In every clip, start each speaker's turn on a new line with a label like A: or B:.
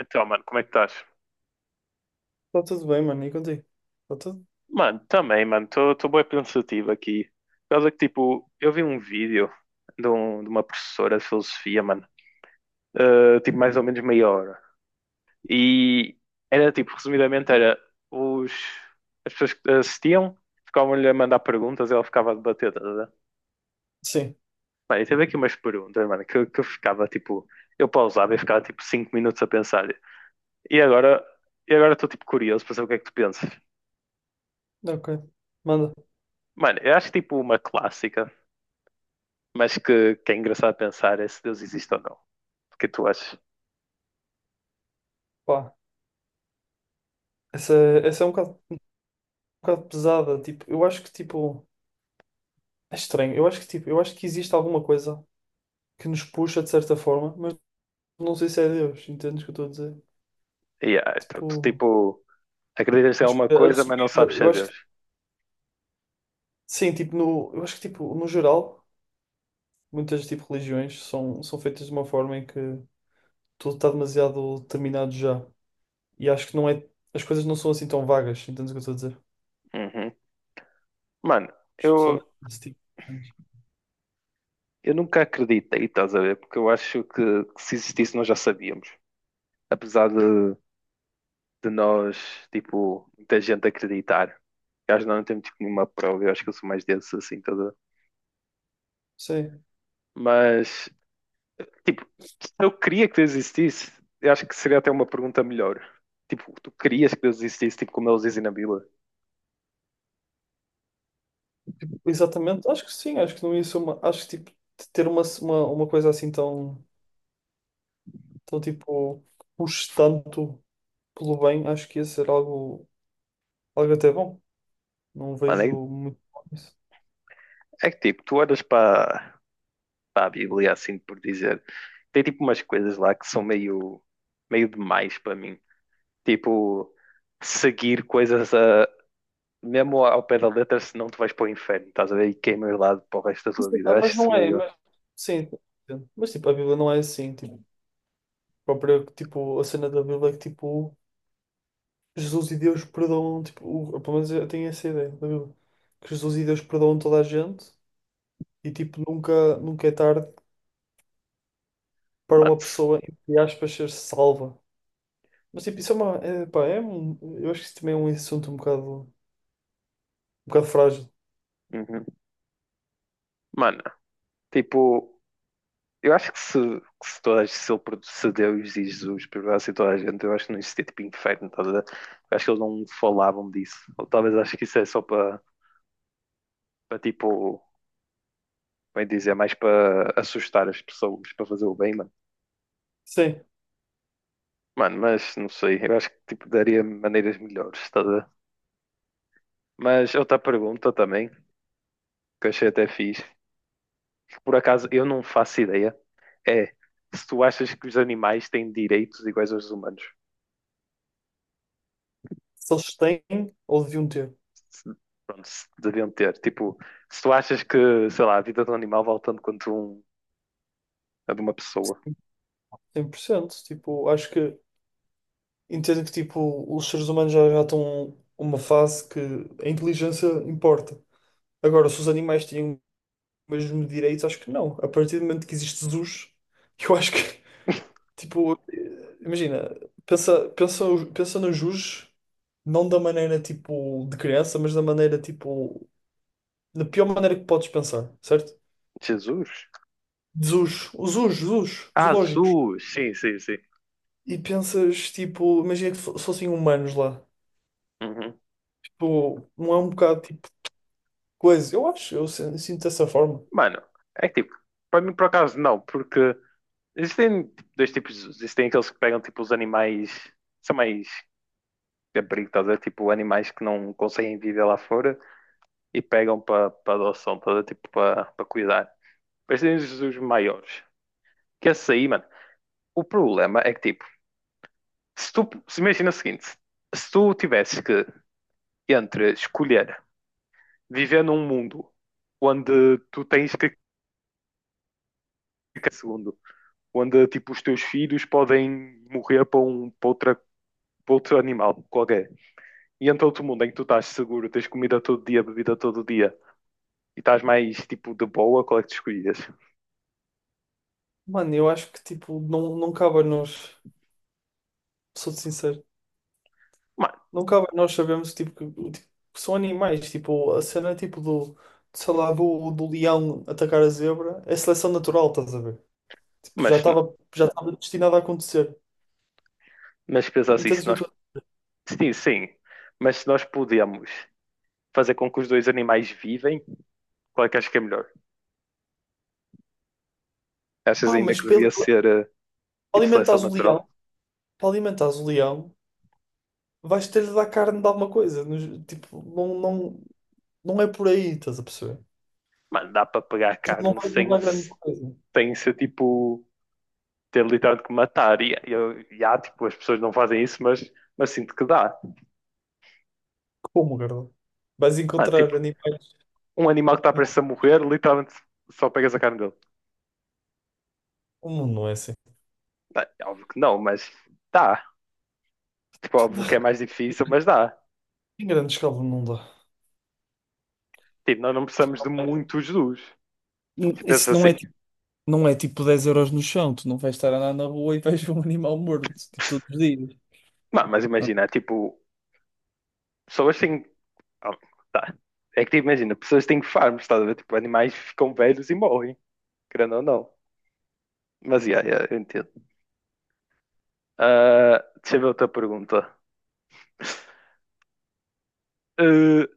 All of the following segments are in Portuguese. A: Então, mano, como é que estás?
B: Está tudo bem, mano, e contigo? Está tudo?
A: Mano, também, mano, estou bem pensativo aqui. Por causa que, tipo, eu vi um vídeo de, de uma professora de filosofia, mano, tipo, mais ou menos meia hora. E era, tipo, resumidamente, era os... as pessoas que assistiam ficavam-lhe a mandar perguntas e ela ficava a debater, tá, a ver?
B: Sim,
A: Mano, e teve aqui umas perguntas, mano, que eu ficava, tipo, eu pausava e ficava, tipo, 5 minutos a pensar. E agora, e agora estou, tipo, curioso para saber o que é que tu pensas.
B: ok. Manda.
A: Mano, eu acho, tipo, uma clássica. Mas que é engraçado pensar é se Deus existe ou não. O que tu achas?
B: Pá, essa, essa é um bocado pesada. Tipo, eu acho que, tipo, é estranho. Eu acho que existe alguma coisa que nos puxa de certa forma, mas não sei se é Deus, entendes o que eu estou a dizer?
A: Yeah, tu,
B: Tipo,
A: tipo, acreditas em
B: acho
A: alguma
B: que a
A: coisa, mas não
B: subida,
A: sabes se
B: eu
A: é
B: acho
A: Deus.
B: que, sim, tipo, no, eu acho que, tipo, no geral, muitas, tipo, religiões são feitas de uma forma em que tudo está demasiado terminado já. E acho que não é, as coisas não são assim tão vagas, entendes o que eu estou a dizer?
A: Uhum. Mano,
B: Especialmente
A: eu,
B: nesse tipo de cenas.
A: eu nunca acreditei, estás a ver? Porque eu acho que se existisse nós já sabíamos. Apesar de, nós, tipo, muita gente acreditar. Eu acho que nós não temos tipo, nenhuma prova, eu acho que eu sou mais desses assim, toda.
B: Sim,
A: Mas, tipo, se eu queria que Deus existisse, eu acho que seria até uma pergunta melhor. Tipo, tu querias que Deus existisse, tipo, como eles dizem na Bíblia?
B: exatamente. Acho que sim, acho que não ia ser uma. Acho que tipo, de ter uma coisa assim tão tipo, puxe tanto pelo bem, acho que ia ser algo até bom. Não
A: Mano,
B: vejo
A: é,
B: muito mal nisso.
A: é que tipo, tu olhas para a Bíblia, assim por dizer, tem tipo umas coisas lá que são meio, meio demais para mim. Tipo, seguir coisas mesmo ao pé da letra, senão tu vais para o inferno, estás a ver? E queimas lado para o resto da tua vida.
B: Ah,
A: Eu acho
B: mas
A: isso
B: não é,
A: meio.
B: mas sim, mas tipo, a Bíblia não é assim, tipo, a própria, tipo, a cena da Bíblia é que tipo, Jesus e Deus perdoam, tipo, pelo menos eu tenho essa ideia da Bíblia, que Jesus e Deus perdoam toda a gente e tipo, nunca é tarde para
A: Mano,
B: uma
A: se-
B: pessoa, entre aspas, ser salva. Mas tipo, isso é uma. É, pá, é um, eu acho que isso também é um assunto um bocado frágil.
A: Uhum. Mano, tipo, eu acho que se, toda, se, ele, produ- se Deus e Jesus perdoassem toda a gente, eu acho que não existia tipo inferno, estás a ver? Eu acho que eles não falavam disso. Ou talvez acho que isso é só para, tipo. Bem dizer, é mais para assustar as pessoas, para fazer o bem, mano.
B: Sim,
A: Mano, mas não sei, eu acho que tipo, daria maneiras melhores, estás a ver? Mas outra pergunta também, que eu achei até fixe, que por acaso eu não faço ideia, é se tu achas que os animais têm direitos iguais aos humanos.
B: se eles têm ou deviam ter.
A: Se- Pronto, se deviam ter. Tipo, se tu achas que, sei lá, a vida de um animal vale tanto quanto a de uma pessoa.
B: 100%. Tipo, acho que entendo que tipo, os seres humanos já estão numa fase que a inteligência importa. Agora, se os animais tinham o mesmo direito, acho que não. A partir do momento que existe Jesus, eu acho que, tipo, imagina, pensa, pensa, pensa no Jesus, não da maneira tipo de criança, mas da maneira tipo da pior maneira que podes pensar,
A: Jesus?
B: certo?Zus, os us, os
A: Ah,
B: zoológicos.
A: Jesus! Sim, sim, sim.
B: E pensas, tipo, imagina que fossem humanos lá.
A: Uhum.
B: Tipo, não é um bocado tipo de coisa. Eu acho, eu sin- sinto dessa forma.
A: Mano, é que tipo, para mim por acaso não, porque existem tipo, dois tipos. Existem aqueles que pegam tipo os animais. São mais de abrigo, estás a ver? Tipo animais que não conseguem viver lá fora e pegam para adoção, estás a ver? Tipo para cuidar. Mas tem os maiores. Que esse aí, mano. O problema é que tipo. Se tu. Se imagina o seguinte. Se tu tivesses que. Entre escolher viver num mundo onde tu tens que ficar segundo, onde tipo os teus filhos podem morrer para um para outra, para outro animal qualquer. E entra outro mundo em que tu estás seguro, tens comida todo dia, bebida todo dia e estás mais tipo de boa, qual é que tu escolhias?
B: Mano, eu acho que, tipo, não cabe a nós, sou-te sincero,
A: Ma-
B: não cabe a nós sabermos, tipo, que são animais. Tipo, a cena, tipo, do, sei lá, do leão atacar a zebra é seleção natural, estás a ver? Tipo, já
A: Mas,
B: estava já estava destinado a acontecer.
A: mas pensa assim,
B: Entendes
A: se
B: o que eu
A: nós.
B: estou a dizer?
A: Sim, sim. Mas se nós podemos fazer com que os dois animais vivem, qual é que achas que é melhor? Achas
B: Pá,
A: ainda
B: mas
A: que devia ser tipo seleção
B: alimentares o
A: natural?
B: leão. Para alimentares o leão, vais ter de dar carne de alguma coisa. Tipo, não é por aí, estás a perceber?
A: Mano, dá para pegar
B: Tipo, não
A: carne
B: vai
A: sem,
B: mudar grande coisa.
A: sem ser tipo. Ter literalmente que matar. E há, tipo, as pessoas não fazem isso, mas sinto que dá.
B: Como, Carla? Vais
A: Mano,
B: encontrar
A: tipo,
B: animais.
A: um animal que está prestes a morrer, literalmente só pegas a carne dele.
B: O mundo não é assim.
A: Bem, óbvio que não, mas dá. Tipo, óbvio que é mais difícil, mas dá.
B: Em grande escala não dá.
A: Tipo, nós não precisamos de
B: Tipo, não- é-
A: muitos dos.
B: não-
A: Tipo, pensa
B: isso não
A: assim.
B: é, não é tipo 10 € no chão. Tu não vais estar a andar na rua e vais ver um animal morto, tipo, todos os dias.
A: Não, mas
B: Ah,
A: imagina, tipo, pessoas têm. Oh, tá. É que tipo, imagina, pessoas têm farms, estás a ver? Tipo, animais ficam velhos e morrem, querendo ou não. Mas yeah, yeah, eu entendo. Ah, deixa eu ver outra pergunta. Ah,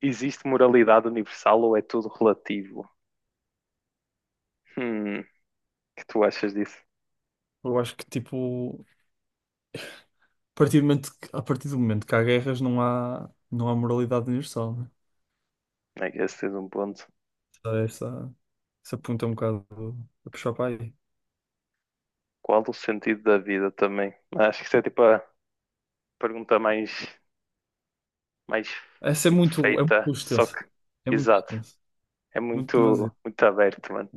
A: existe moralidade universal ou é tudo relativo? O que tu achas disso?
B: eu acho que, tipo, a partir do momento que há guerras, não há moralidade universal, né?
A: É que esse é um ponto.
B: Só essa ponta é um bocado a puxar para aí.
A: Qual o sentido da vida também? Acho que isso é tipo a pergunta mais
B: Essa é
A: tipo,
B: muito
A: feita, só
B: extensa.
A: que,
B: É muito
A: exato,
B: extensa.
A: é
B: Muito
A: muito,
B: demasiado.
A: muito aberto, mano.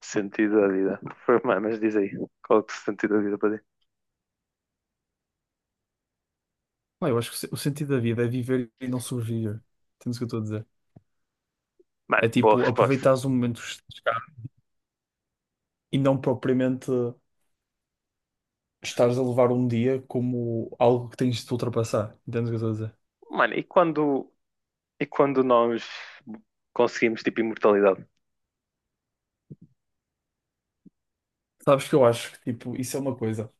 A: Sentido da vida. Mas diz aí, qual é o sentido da vida para ti?
B: Pá, eu acho que o se- o sentido da vida é viver e não sobreviver. Entendes o que eu estou a dizer?
A: Mano,
B: É
A: boa
B: tipo,
A: resposta.
B: aproveitares o momento que estás e não propriamente estares a levar um dia como algo que tens de te ultrapassar. Entendes o que eu estou a dizer?
A: Mano, e quando quando nós conseguimos, tipo, imortalidade?
B: Sabes que eu acho que, tipo, isso é uma coisa.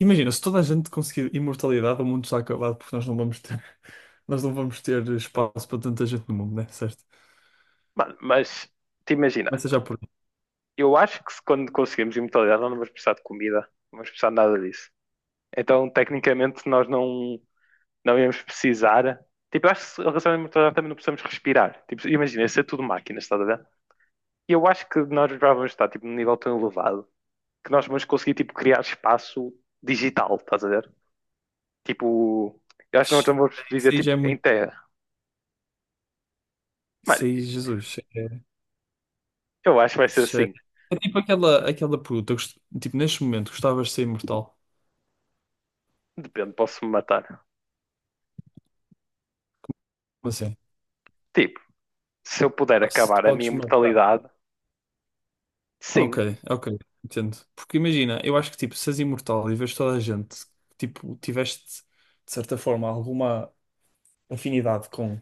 B: Imagina, se toda a gente conseguir imortalidade, o mundo está acabado porque nós não vamos ter, nós não vamos ter espaço para tanta gente no mundo, né? Certo?
A: Mano, mas te imagina,
B: Mas seja por aí.
A: eu acho que se quando conseguimos imortalidade não vamos precisar de comida, não vamos precisar de nada disso. Então, tecnicamente, nós não íamos precisar. Tipo, eu acho que se relacionamento mental também não precisamos respirar. Tipo, imagina, isso é tudo máquinas, estás a ver? E eu acho que nós já vamos estar, tipo, num nível tão elevado que nós vamos conseguir, tipo, criar espaço digital, estás a ver? Tipo, eu acho que nós vamos
B: Isso
A: viver,
B: aí já
A: tipo,
B: é
A: em
B: muito.
A: terra. Mano,
B: Isso aí, Jesus.
A: eu acho que vai ser
B: Isso já é...
A: assim.
B: É tipo aquela pergunta. Tipo, neste momento, gostavas de ser imortal?
A: Depende, posso-me matar.
B: Como assim?
A: Tipo, se eu puder
B: Ah, se te
A: acabar a minha
B: podes matar.
A: imortalidade,
B: Ok,
A: sim.
B: ok, entendo. Porque imagina, eu acho que tipo, se és imortal e vês toda a gente, tipo, tiveste de certa forma alguma afinidade com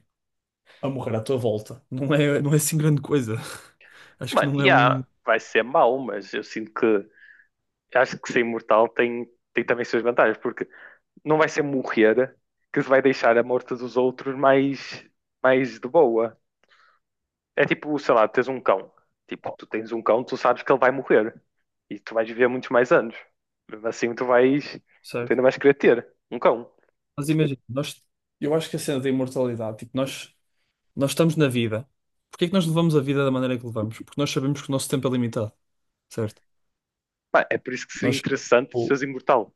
B: a morrer à tua volta, não é assim grande coisa. Acho que
A: Mano,
B: não
A: e
B: é
A: yeah,
B: um.
A: vai ser mau, mas eu sinto que... Acho que ser imortal tem, tem também suas vantagens, porque não vai ser morrer que se vai deixar a morte dos outros mais de boa. É tipo, sei lá, tens um cão. Tipo, tu tens um cão, tu sabes que ele vai morrer. E tu vais viver muitos mais anos. Mesmo assim, tu vais. Tu
B: Certo.
A: ainda vais querer ter um cão.
B: Mas imagina, nós, eu acho que a cena da imortalidade, tipo, nós estamos na vida. Porquê é que nós levamos a vida da maneira que levamos? Porque nós sabemos que o nosso tempo é limitado, certo?
A: Pá, é por isso que seria
B: Nós,
A: interessante
B: Ou-
A: seres imortal.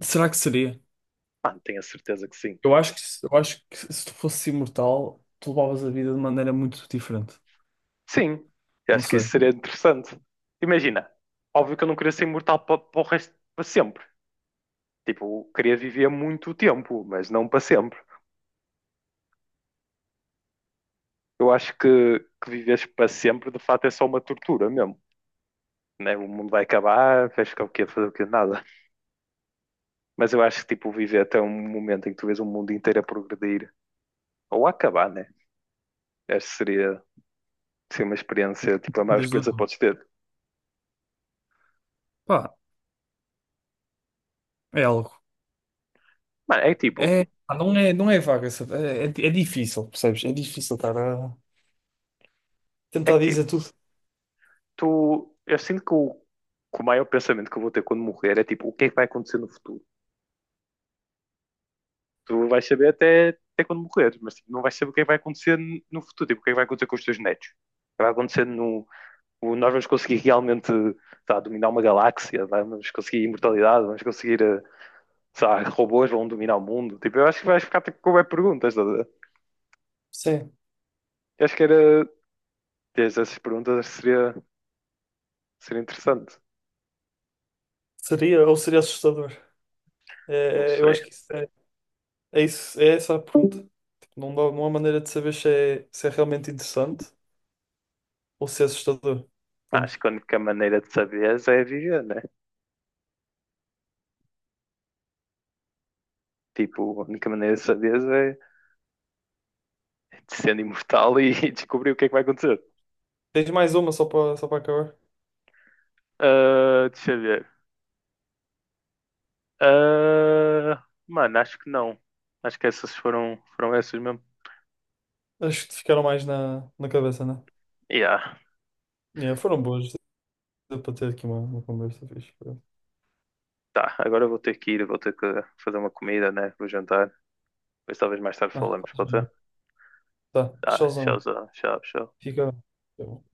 B: será que seria?
A: Mano, tenho a certeza que sim.
B: Eu acho que se tu fosses imortal, tu levavas a vida de maneira muito diferente.
A: Sim, eu
B: Não
A: acho que isso
B: sei.
A: seria interessante. Imagina, óbvio que eu não queria ser imortal para o resto, para sempre. Tipo, eu queria viver muito tempo, mas não para sempre. Eu acho que viveres para sempre, de fato, é só uma tortura mesmo. Né? O mundo vai acabar, vais ficar o quê? Fazer o quê? Nada. Mas eu acho que tipo, viver até um momento em que tu vês o mundo inteiro a progredir ou a acabar, né? Essa seria, uma experiência, tipo, a maior
B: Desde o
A: experiência que
B: nome.
A: podes ter.
B: Pá, é algo.
A: Mano, é que tipo,
B: É, pá, não é vaga, sabe? É difícil, percebes? É difícil estar a
A: é
B: tentar
A: que
B: dizer
A: tipo,
B: tudo.
A: eu sinto que o, maior pensamento que eu vou ter quando morrer é tipo, o que é que vai acontecer no futuro? Tu vais saber até quando morrer, mas tipo, não vais saber o que é que vai acontecer no futuro, tipo, o que é que vai acontecer com os teus netos, o que vai acontecer no, nós vamos conseguir realmente tá, dominar uma galáxia, tá? Vamos conseguir imortalidade, vamos conseguir, robôs vão dominar o mundo. Tipo, eu acho que vais ficar tipo, com web perguntas, estás a ver?
B: Sim,
A: Eu acho que era. Essas perguntas seria interessante.
B: seria ou seria assustador.
A: Não
B: Eu
A: sei.
B: acho que é essa a pergunta. Tipo, não dá, não há maneira de saber se é realmente interessante ou se é assustador.
A: Acho
B: Entendes?
A: que a única maneira de saberes é viver, né? Tipo, a única maneira de saberes é de sendo imortal e, descobrir o que é que vai acontecer.
B: Tens mais uma só para acabar?
A: Ah, deixa eu ver. Ah, mano, acho que não. Acho que essas foram essas mesmo.
B: Acho que te ficaram mais na cabeça, né?
A: Yeah.
B: Yeah, foram boas. Deu para ter aqui uma conversa fixe.
A: Tá, agora eu vou ter que ir, vou ter que fazer uma comida, né? Vou jantar. Depois talvez mais tarde
B: Ah,
A: falamos,
B: faz
A: pode ser?
B: bem. Tá,
A: Tá,
B: tchauzão,
A: tchau,
B: mãe.
A: tchau, tchau.
B: Fica bem.